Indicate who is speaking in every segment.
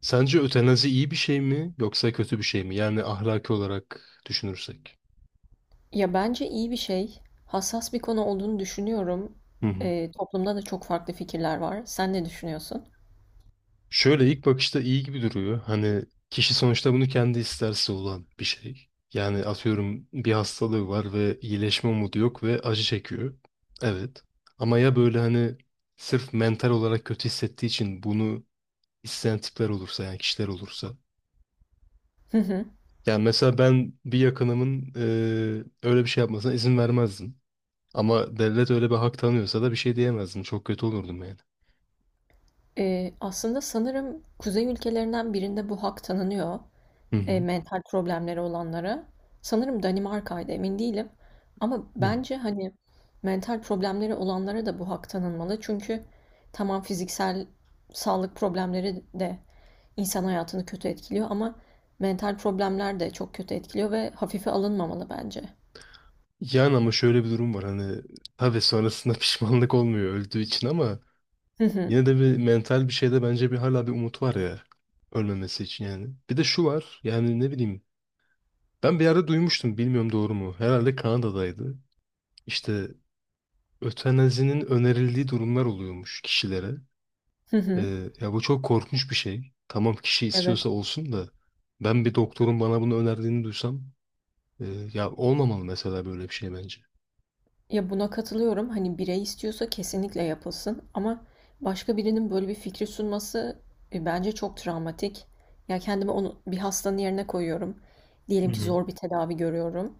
Speaker 1: Sence ötenazi iyi bir şey mi yoksa kötü bir şey mi? Yani ahlaki olarak düşünürsek.
Speaker 2: Ya, bence iyi bir şey. Hassas bir konu olduğunu düşünüyorum.
Speaker 1: Hı hı.
Speaker 2: Toplumda da çok farklı fikirler var. Sen ne düşünüyorsun?
Speaker 1: Şöyle ilk bakışta iyi gibi duruyor. Hani kişi sonuçta bunu kendi isterse olan bir şey. Yani atıyorum bir hastalığı var ve iyileşme umudu yok ve acı çekiyor. Evet. Ama ya böyle hani sırf mental olarak kötü hissettiği için bunu isteyen tipler olursa yani kişiler olursa.
Speaker 2: Hı hı.
Speaker 1: Yani mesela ben bir yakınımın öyle bir şey yapmasına izin vermezdim. Ama devlet öyle bir hak tanıyorsa da bir şey diyemezdim. Çok kötü olurdum yani.
Speaker 2: Aslında sanırım kuzey ülkelerinden birinde bu hak tanınıyor.
Speaker 1: Hı hı.
Speaker 2: Mental problemleri olanlara. Sanırım Danimarka'ydı emin değilim. Ama
Speaker 1: Hı.
Speaker 2: bence hani mental problemleri olanlara da bu hak tanınmalı. Çünkü tamam fiziksel sağlık problemleri de insan hayatını kötü etkiliyor ama mental problemler de çok kötü etkiliyor ve hafife alınmamalı bence.
Speaker 1: Yani ama şöyle bir durum var hani tabii sonrasında pişmanlık olmuyor öldüğü için ama
Speaker 2: Hı hı.
Speaker 1: yine de bir mental bir şeyde bence bir hala bir umut var ya ölmemesi için yani. Bir de şu var yani ne bileyim ben bir yerde duymuştum bilmiyorum doğru mu herhalde Kanada'daydı. İşte ötenazinin önerildiği durumlar oluyormuş kişilere.
Speaker 2: Hı hı.
Speaker 1: Ya bu çok korkunç bir şey. Tamam kişi
Speaker 2: Evet.
Speaker 1: istiyorsa olsun da ben bir doktorun bana bunu önerdiğini duysam Ee, ya olmamalı mesela böyle bir şey bence.
Speaker 2: Ya buna katılıyorum. Hani birey istiyorsa kesinlikle yapılsın ama başka birinin böyle bir fikri sunması bence çok travmatik. Ya kendimi onu bir hastanın yerine koyuyorum.
Speaker 1: Hı
Speaker 2: Diyelim ki
Speaker 1: hı.
Speaker 2: zor bir tedavi görüyorum.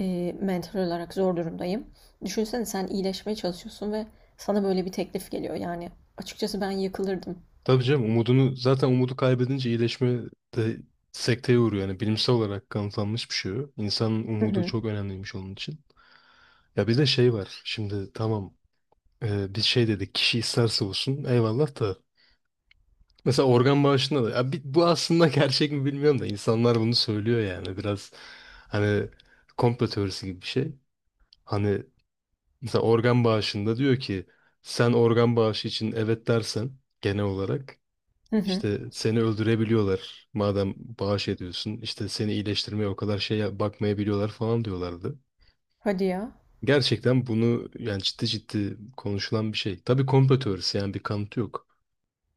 Speaker 2: Mental olarak zor durumdayım. Düşünsene sen iyileşmeye çalışıyorsun ve sana böyle bir teklif geliyor. Yani açıkçası ben yıkılırdım.
Speaker 1: Tabii canım umudunu zaten umudu kaybedince iyileşme de sekteye uğruyor. Yani bilimsel olarak kanıtlanmış bir şey o. İnsanın
Speaker 2: Hı
Speaker 1: umudu
Speaker 2: hı.
Speaker 1: çok önemliymiş onun için. Ya bir de şey var. Şimdi tamam bir şey dedik kişi isterse olsun eyvallah da. Mesela organ bağışında da ya bu aslında gerçek mi bilmiyorum da insanlar bunu söylüyor yani biraz hani komplo teorisi gibi bir şey. Hani mesela organ bağışında diyor ki sen organ bağışı için evet dersen genel olarak
Speaker 2: Hı hı.
Speaker 1: işte seni öldürebiliyorlar madem bağış ediyorsun işte seni iyileştirmeye o kadar şeye bakmayabiliyorlar falan diyorlardı.
Speaker 2: Hadi ya.
Speaker 1: Gerçekten bunu yani ciddi ciddi konuşulan bir şey. Tabii komplo teorisi yani bir kanıtı yok.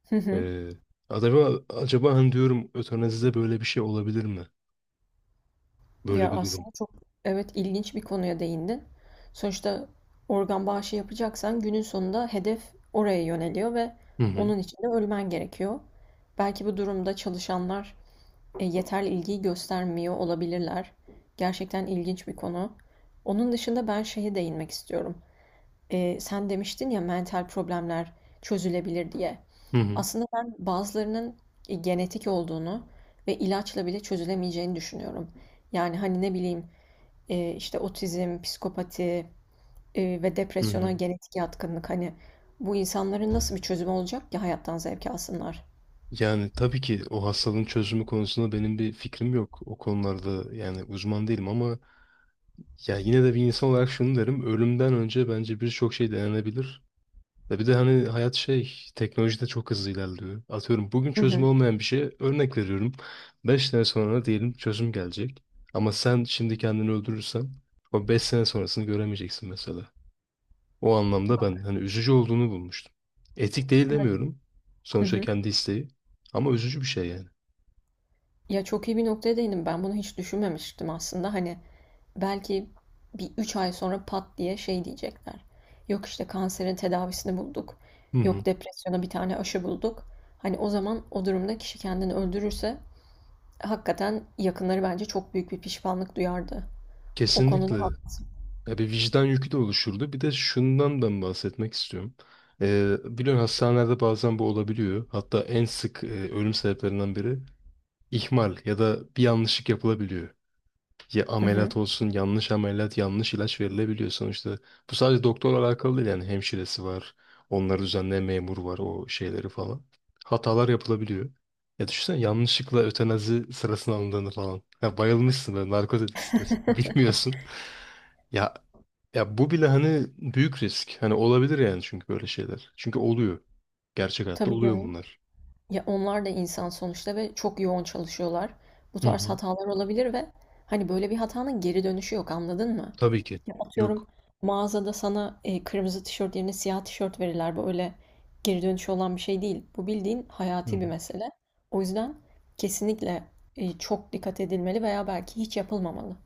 Speaker 2: Hı hı.
Speaker 1: Ee, acaba hani diyorum ötanazide böyle bir şey olabilir mi? Böyle
Speaker 2: Ya
Speaker 1: bir durum.
Speaker 2: aslında çok, evet, ilginç bir konuya değindin. Sonuçta organ bağışı yapacaksan günün sonunda hedef oraya yöneliyor ve
Speaker 1: Hı hı.
Speaker 2: onun için de ölmen gerekiyor. Belki bu durumda çalışanlar yeterli ilgiyi göstermiyor olabilirler. Gerçekten ilginç bir konu. Onun dışında ben şeye değinmek istiyorum. Sen demiştin ya mental problemler çözülebilir diye.
Speaker 1: Hı hı.
Speaker 2: Aslında ben bazılarının genetik olduğunu ve ilaçla bile çözülemeyeceğini düşünüyorum. Yani hani ne bileyim işte otizm, psikopati, ve
Speaker 1: Hı
Speaker 2: depresyona
Speaker 1: hı.
Speaker 2: genetik yatkınlık, hani bu insanların nasıl bir çözümü olacak ki hayattan zevk alsınlar?
Speaker 1: Yani tabii ki o hastalığın çözümü konusunda benim bir fikrim yok. O konularda yani uzman değilim ama ya yine de bir insan olarak şunu derim. Ölümden önce bence birçok şey denenebilir. Ve bir de hani hayat şey teknoloji de çok hızlı ilerliyor. Atıyorum bugün
Speaker 2: Hı
Speaker 1: çözüm
Speaker 2: hı.
Speaker 1: olmayan bir şeye örnek veriyorum. 5 sene sonra diyelim çözüm gelecek. Ama sen şimdi kendini öldürürsen o 5 sene sonrasını göremeyeceksin mesela. O anlamda ben hani üzücü olduğunu bulmuştum. Etik değil
Speaker 2: Evet.
Speaker 1: demiyorum.
Speaker 2: Hı
Speaker 1: Sonuçta
Speaker 2: hı.
Speaker 1: kendi isteği. Ama üzücü bir şey yani.
Speaker 2: Ya çok iyi bir noktaya değindim. Ben bunu hiç düşünmemiştim aslında. Hani belki bir 3 ay sonra pat diye şey diyecekler. Yok işte kanserin tedavisini bulduk.
Speaker 1: Hı hı.
Speaker 2: Yok depresyona bir tane aşı bulduk. Hani o zaman o durumda kişi kendini öldürürse hakikaten yakınları bence çok büyük bir pişmanlık duyardı. O konuda
Speaker 1: Kesinlikle.
Speaker 2: haklısın.
Speaker 1: Ya bir vicdan yükü de oluşurdu. Bir de şundan ben bahsetmek istiyorum. Biliyorsun hastanelerde bazen bu olabiliyor. Hatta en sık ölüm sebeplerinden biri ihmal ya da bir yanlışlık yapılabiliyor. Ya
Speaker 2: Hı hı.
Speaker 1: ameliyat olsun yanlış ameliyat yanlış ilaç verilebiliyor sonuçta. Bu sadece doktorla alakalı değil yani hemşiresi var. Onları düzenleyen memur var o şeyleri falan. Hatalar yapılabiliyor. Ya düşünsene yanlışlıkla ötenazi sırasına alındığını falan. Ya bayılmışsın böyle narkotiksindir. Bilmiyorsun. Ya ya bu bile hani büyük risk. Hani olabilir yani çünkü böyle şeyler. Çünkü oluyor. Gerçek hayatta
Speaker 2: Tabii
Speaker 1: oluyor
Speaker 2: canım.
Speaker 1: bunlar.
Speaker 2: Ya onlar da insan sonuçta ve çok yoğun çalışıyorlar. Bu
Speaker 1: Hı
Speaker 2: tarz
Speaker 1: hı.
Speaker 2: hatalar olabilir ve hani böyle bir hatanın geri dönüşü yok, anladın mı?
Speaker 1: Tabii ki.
Speaker 2: Ya atıyorum,
Speaker 1: Yok.
Speaker 2: mağazada sana kırmızı tişört yerine siyah tişört verirler. Böyle geri dönüşü olan bir şey değil. Bu bildiğin hayati bir mesele. O yüzden kesinlikle çok dikkat edilmeli veya belki hiç yapılmamalı.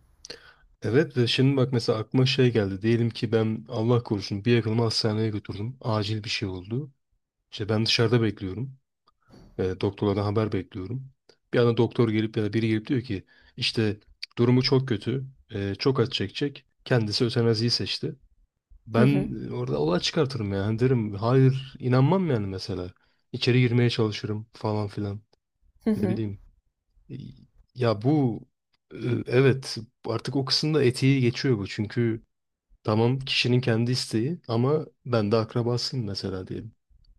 Speaker 1: Evet ve şimdi bak mesela aklıma şey geldi. Diyelim ki ben Allah korusun bir yakınımı hastaneye götürdüm. Acil bir şey oldu. İşte ben dışarıda bekliyorum. Doktorlardan haber bekliyorum. Bir anda doktor gelip ya da biri gelip diyor ki işte durumu çok kötü. Çok acı çekecek. Kendisi ötenaziyi seçti.
Speaker 2: Hı
Speaker 1: Ben
Speaker 2: hı.
Speaker 1: orada olay çıkartırım yani derim. Hayır inanmam yani mesela. İçeri girmeye çalışırım falan filan.
Speaker 2: Hı
Speaker 1: Ne
Speaker 2: hı.
Speaker 1: bileyim. Ya bu e, evet artık o kısımda etiği geçiyor bu. Çünkü tamam kişinin kendi isteği ama ben de akrabasıyım mesela diyelim.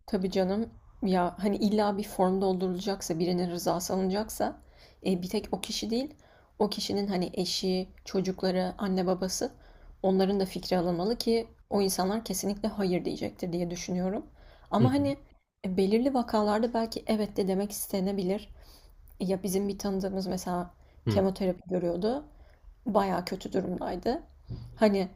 Speaker 2: Tabii canım. Ya hani illa bir form doldurulacaksa, birinin rızası alınacaksa, bir tek o kişi değil, o kişinin hani eşi, çocukları, anne babası, onların da fikri alınmalı ki o insanlar kesinlikle hayır diyecektir diye düşünüyorum.
Speaker 1: Hı
Speaker 2: Ama
Speaker 1: hı.
Speaker 2: hani belirli vakalarda belki evet de demek istenebilir. Ya bizim bir tanıdığımız mesela
Speaker 1: Hı
Speaker 2: kemoterapi görüyordu. Baya kötü durumdaydı. Hani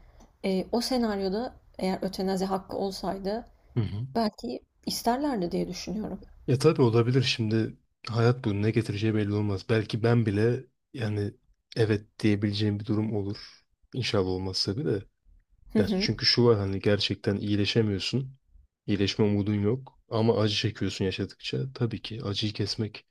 Speaker 2: o senaryoda eğer ötenazi hakkı olsaydı
Speaker 1: hı. Hı.
Speaker 2: belki isterlerdi diye düşünüyorum.
Speaker 1: Ya tabii olabilir şimdi hayat bunu ne getireceği belli olmaz. Belki ben bile yani evet diyebileceğim bir durum olur. İnşallah olmaz tabii de.
Speaker 2: Hı
Speaker 1: Ya
Speaker 2: hı.
Speaker 1: çünkü şu var hani gerçekten iyileşemiyorsun. İyileşme umudun yok ama acı çekiyorsun yaşadıkça. Tabii ki acıyı kesmek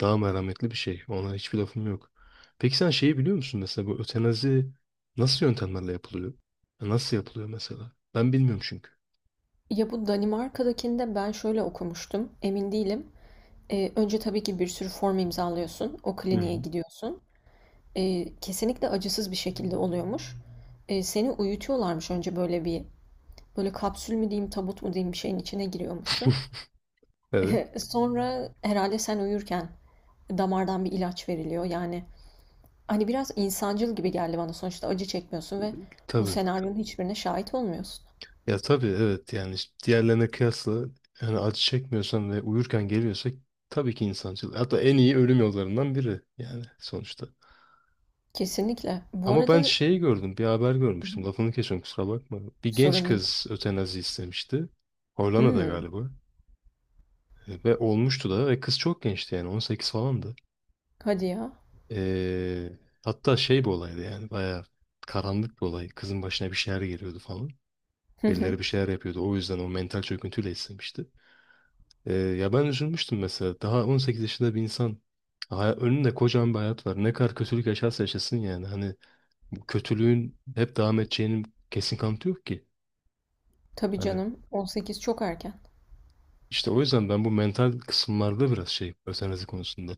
Speaker 1: daha merhametli bir şey. Ona hiçbir lafım yok. Peki sen şeyi biliyor musun mesela bu ötenazi nasıl yöntemlerle yapılıyor? Nasıl yapılıyor mesela? Ben bilmiyorum çünkü.
Speaker 2: Ya bu Danimarka'dakinde ben şöyle okumuştum, emin değilim. Önce tabii ki bir sürü form imzalıyorsun, o
Speaker 1: Hı hı.
Speaker 2: kliniğe gidiyorsun. Kesinlikle acısız bir şekilde oluyormuş. Seni uyutuyorlarmış önce, böyle bir, böyle kapsül mü diyeyim, tabut mu diyeyim bir şeyin içine giriyormuşsun.
Speaker 1: Evet.
Speaker 2: Sonra herhalde sen uyurken damardan bir ilaç veriliyor. Yani hani biraz insancıl gibi geldi bana. Sonuçta acı çekmiyorsun ve bu
Speaker 1: Tabii.
Speaker 2: senaryonun hiçbirine şahit olmuyorsun.
Speaker 1: Ya tabii evet yani işte diğerlerine kıyasla yani acı çekmiyorsan ve uyurken geliyorsa tabii ki insancıl. Hatta en iyi ölüm yollarından biri yani sonuçta.
Speaker 2: Kesinlikle. Bu
Speaker 1: Ama ben
Speaker 2: arada,
Speaker 1: şeyi gördüm bir haber
Speaker 2: Hı hı,
Speaker 1: görmüştüm lafını kesiyorum kusura bakma. Bir genç
Speaker 2: sorun değil.
Speaker 1: kız ötenazi istemişti. Hollanda'da
Speaker 2: Hımm.
Speaker 1: galiba. Ve olmuştu da ve kız çok gençti yani 18 falandı.
Speaker 2: Hadi ya.
Speaker 1: Ee, hatta şey bir olaydı yani bayağı karanlık bir olay. Kızın başına bir şeyler geliyordu falan.
Speaker 2: Hı hı.
Speaker 1: Birileri bir şeyler yapıyordu. O yüzden o mental çöküntüyle istemişti. Ya ben üzülmüştüm mesela. Daha 18 yaşında bir insan önünde kocaman bir hayat var. Ne kadar kötülük yaşarsa yaşasın yani. Hani bu kötülüğün hep devam edeceğinin kesin kanıtı yok ki.
Speaker 2: Tabii
Speaker 1: Hani
Speaker 2: canım. 18 çok erken.
Speaker 1: işte o yüzden ben bu mental kısımlarda biraz şey özenlezi konusunda.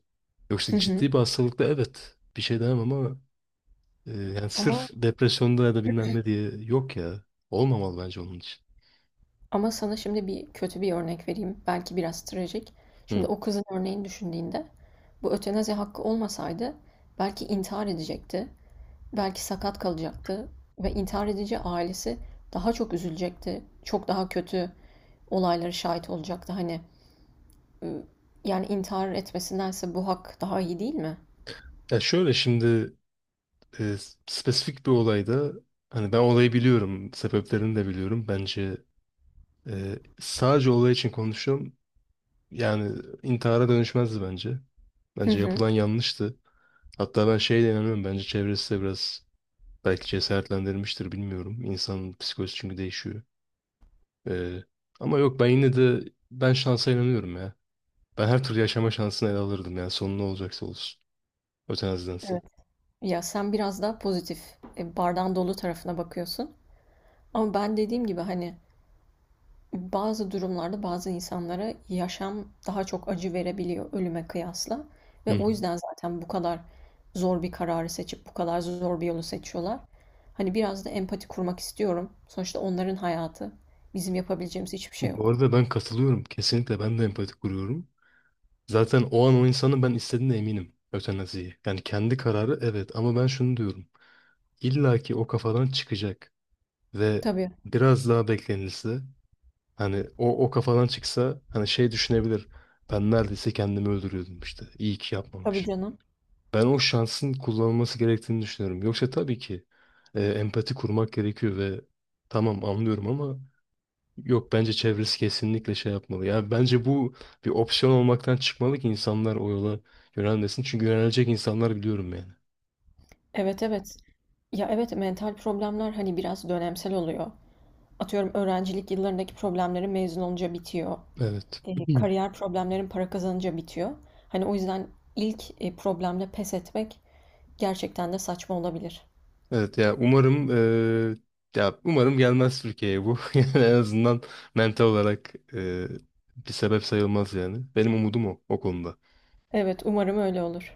Speaker 1: Yoksa
Speaker 2: Hı hı.
Speaker 1: ciddi bir hastalıkta evet bir şey demem ama yani
Speaker 2: Ama
Speaker 1: sırf depresyonda ya da bilmem ne diye yok ya. Olmamalı bence onun için.
Speaker 2: ama sana şimdi bir kötü bir örnek vereyim. Belki biraz trajik. Şimdi
Speaker 1: Hı.
Speaker 2: o kızın örneğini düşündüğünde bu ötenazi hakkı olmasaydı belki intihar edecekti. Belki sakat kalacaktı ve intihar edici ailesi daha çok üzülecekti. Çok daha kötü olaylara şahit olacaktı. Hani ıı, yani intihar etmesindense bu hak daha iyi değil mi?
Speaker 1: Ya şöyle şimdi e, spesifik bir olayda hani ben olayı biliyorum, sebeplerini de biliyorum. Bence sadece olay için konuşuyorum. Yani intihara dönüşmezdi bence.
Speaker 2: Hı
Speaker 1: Bence
Speaker 2: hı.
Speaker 1: yapılan yanlıştı. Hatta ben şeye de inanıyorum. Bence çevresi de biraz belki cesaretlendirmiştir bilmiyorum. İnsanın psikolojisi çünkü değişiyor. Ee, ama yok ben yine de ben şansa inanıyorum ya. Ben her türlü yaşama şansını ele alırdım yani sonu ne olacaksa olsun. Ötenazidense.
Speaker 2: Evet. Ya sen biraz daha pozitif, bardağın dolu tarafına bakıyorsun. Ama ben dediğim gibi hani bazı durumlarda bazı insanlara yaşam daha çok acı verebiliyor ölüme kıyasla.
Speaker 1: Hı
Speaker 2: Ve o
Speaker 1: hı.
Speaker 2: yüzden zaten bu kadar zor bir kararı seçip bu kadar zor bir yolu seçiyorlar. Hani biraz da empati kurmak istiyorum. Sonuçta onların hayatı. Bizim yapabileceğimiz hiçbir şey
Speaker 1: Bu
Speaker 2: yok.
Speaker 1: arada ben katılıyorum. Kesinlikle ben de empati kuruyorum. Zaten o an o insanın ben istediğine eminim. Ötenaziyi. Yani kendi kararı evet ama ben şunu diyorum. İlla ki o kafadan çıkacak ve
Speaker 2: Tabii,
Speaker 1: biraz daha beklenilse hani o kafadan çıksa hani şey düşünebilir. Ben neredeyse kendimi öldürüyordum işte. İyi ki
Speaker 2: tabii
Speaker 1: yapmamış.
Speaker 2: canım.
Speaker 1: Ben o şansın kullanılması gerektiğini düşünüyorum. Yoksa tabii ki empati kurmak gerekiyor ve tamam anlıyorum ama yok bence çevresi kesinlikle şey yapmalı. Yani bence bu bir opsiyon olmaktan çıkmalı ki insanlar o yola yönelmesin. Çünkü yönelecek insanlar biliyorum yani.
Speaker 2: Evet, evet. Ya evet, mental problemler hani biraz dönemsel oluyor. Atıyorum öğrencilik yıllarındaki problemlerin mezun olunca bitiyor.
Speaker 1: Evet.
Speaker 2: Kariyer problemlerin para kazanınca bitiyor. Hani o yüzden ilk problemle pes etmek gerçekten de saçma olabilir.
Speaker 1: Evet ya umarım ya umarım gelmez Türkiye'ye bu. Yani en azından mental olarak bir sebep sayılmaz yani. Benim umudum o konuda.
Speaker 2: Evet, umarım öyle olur.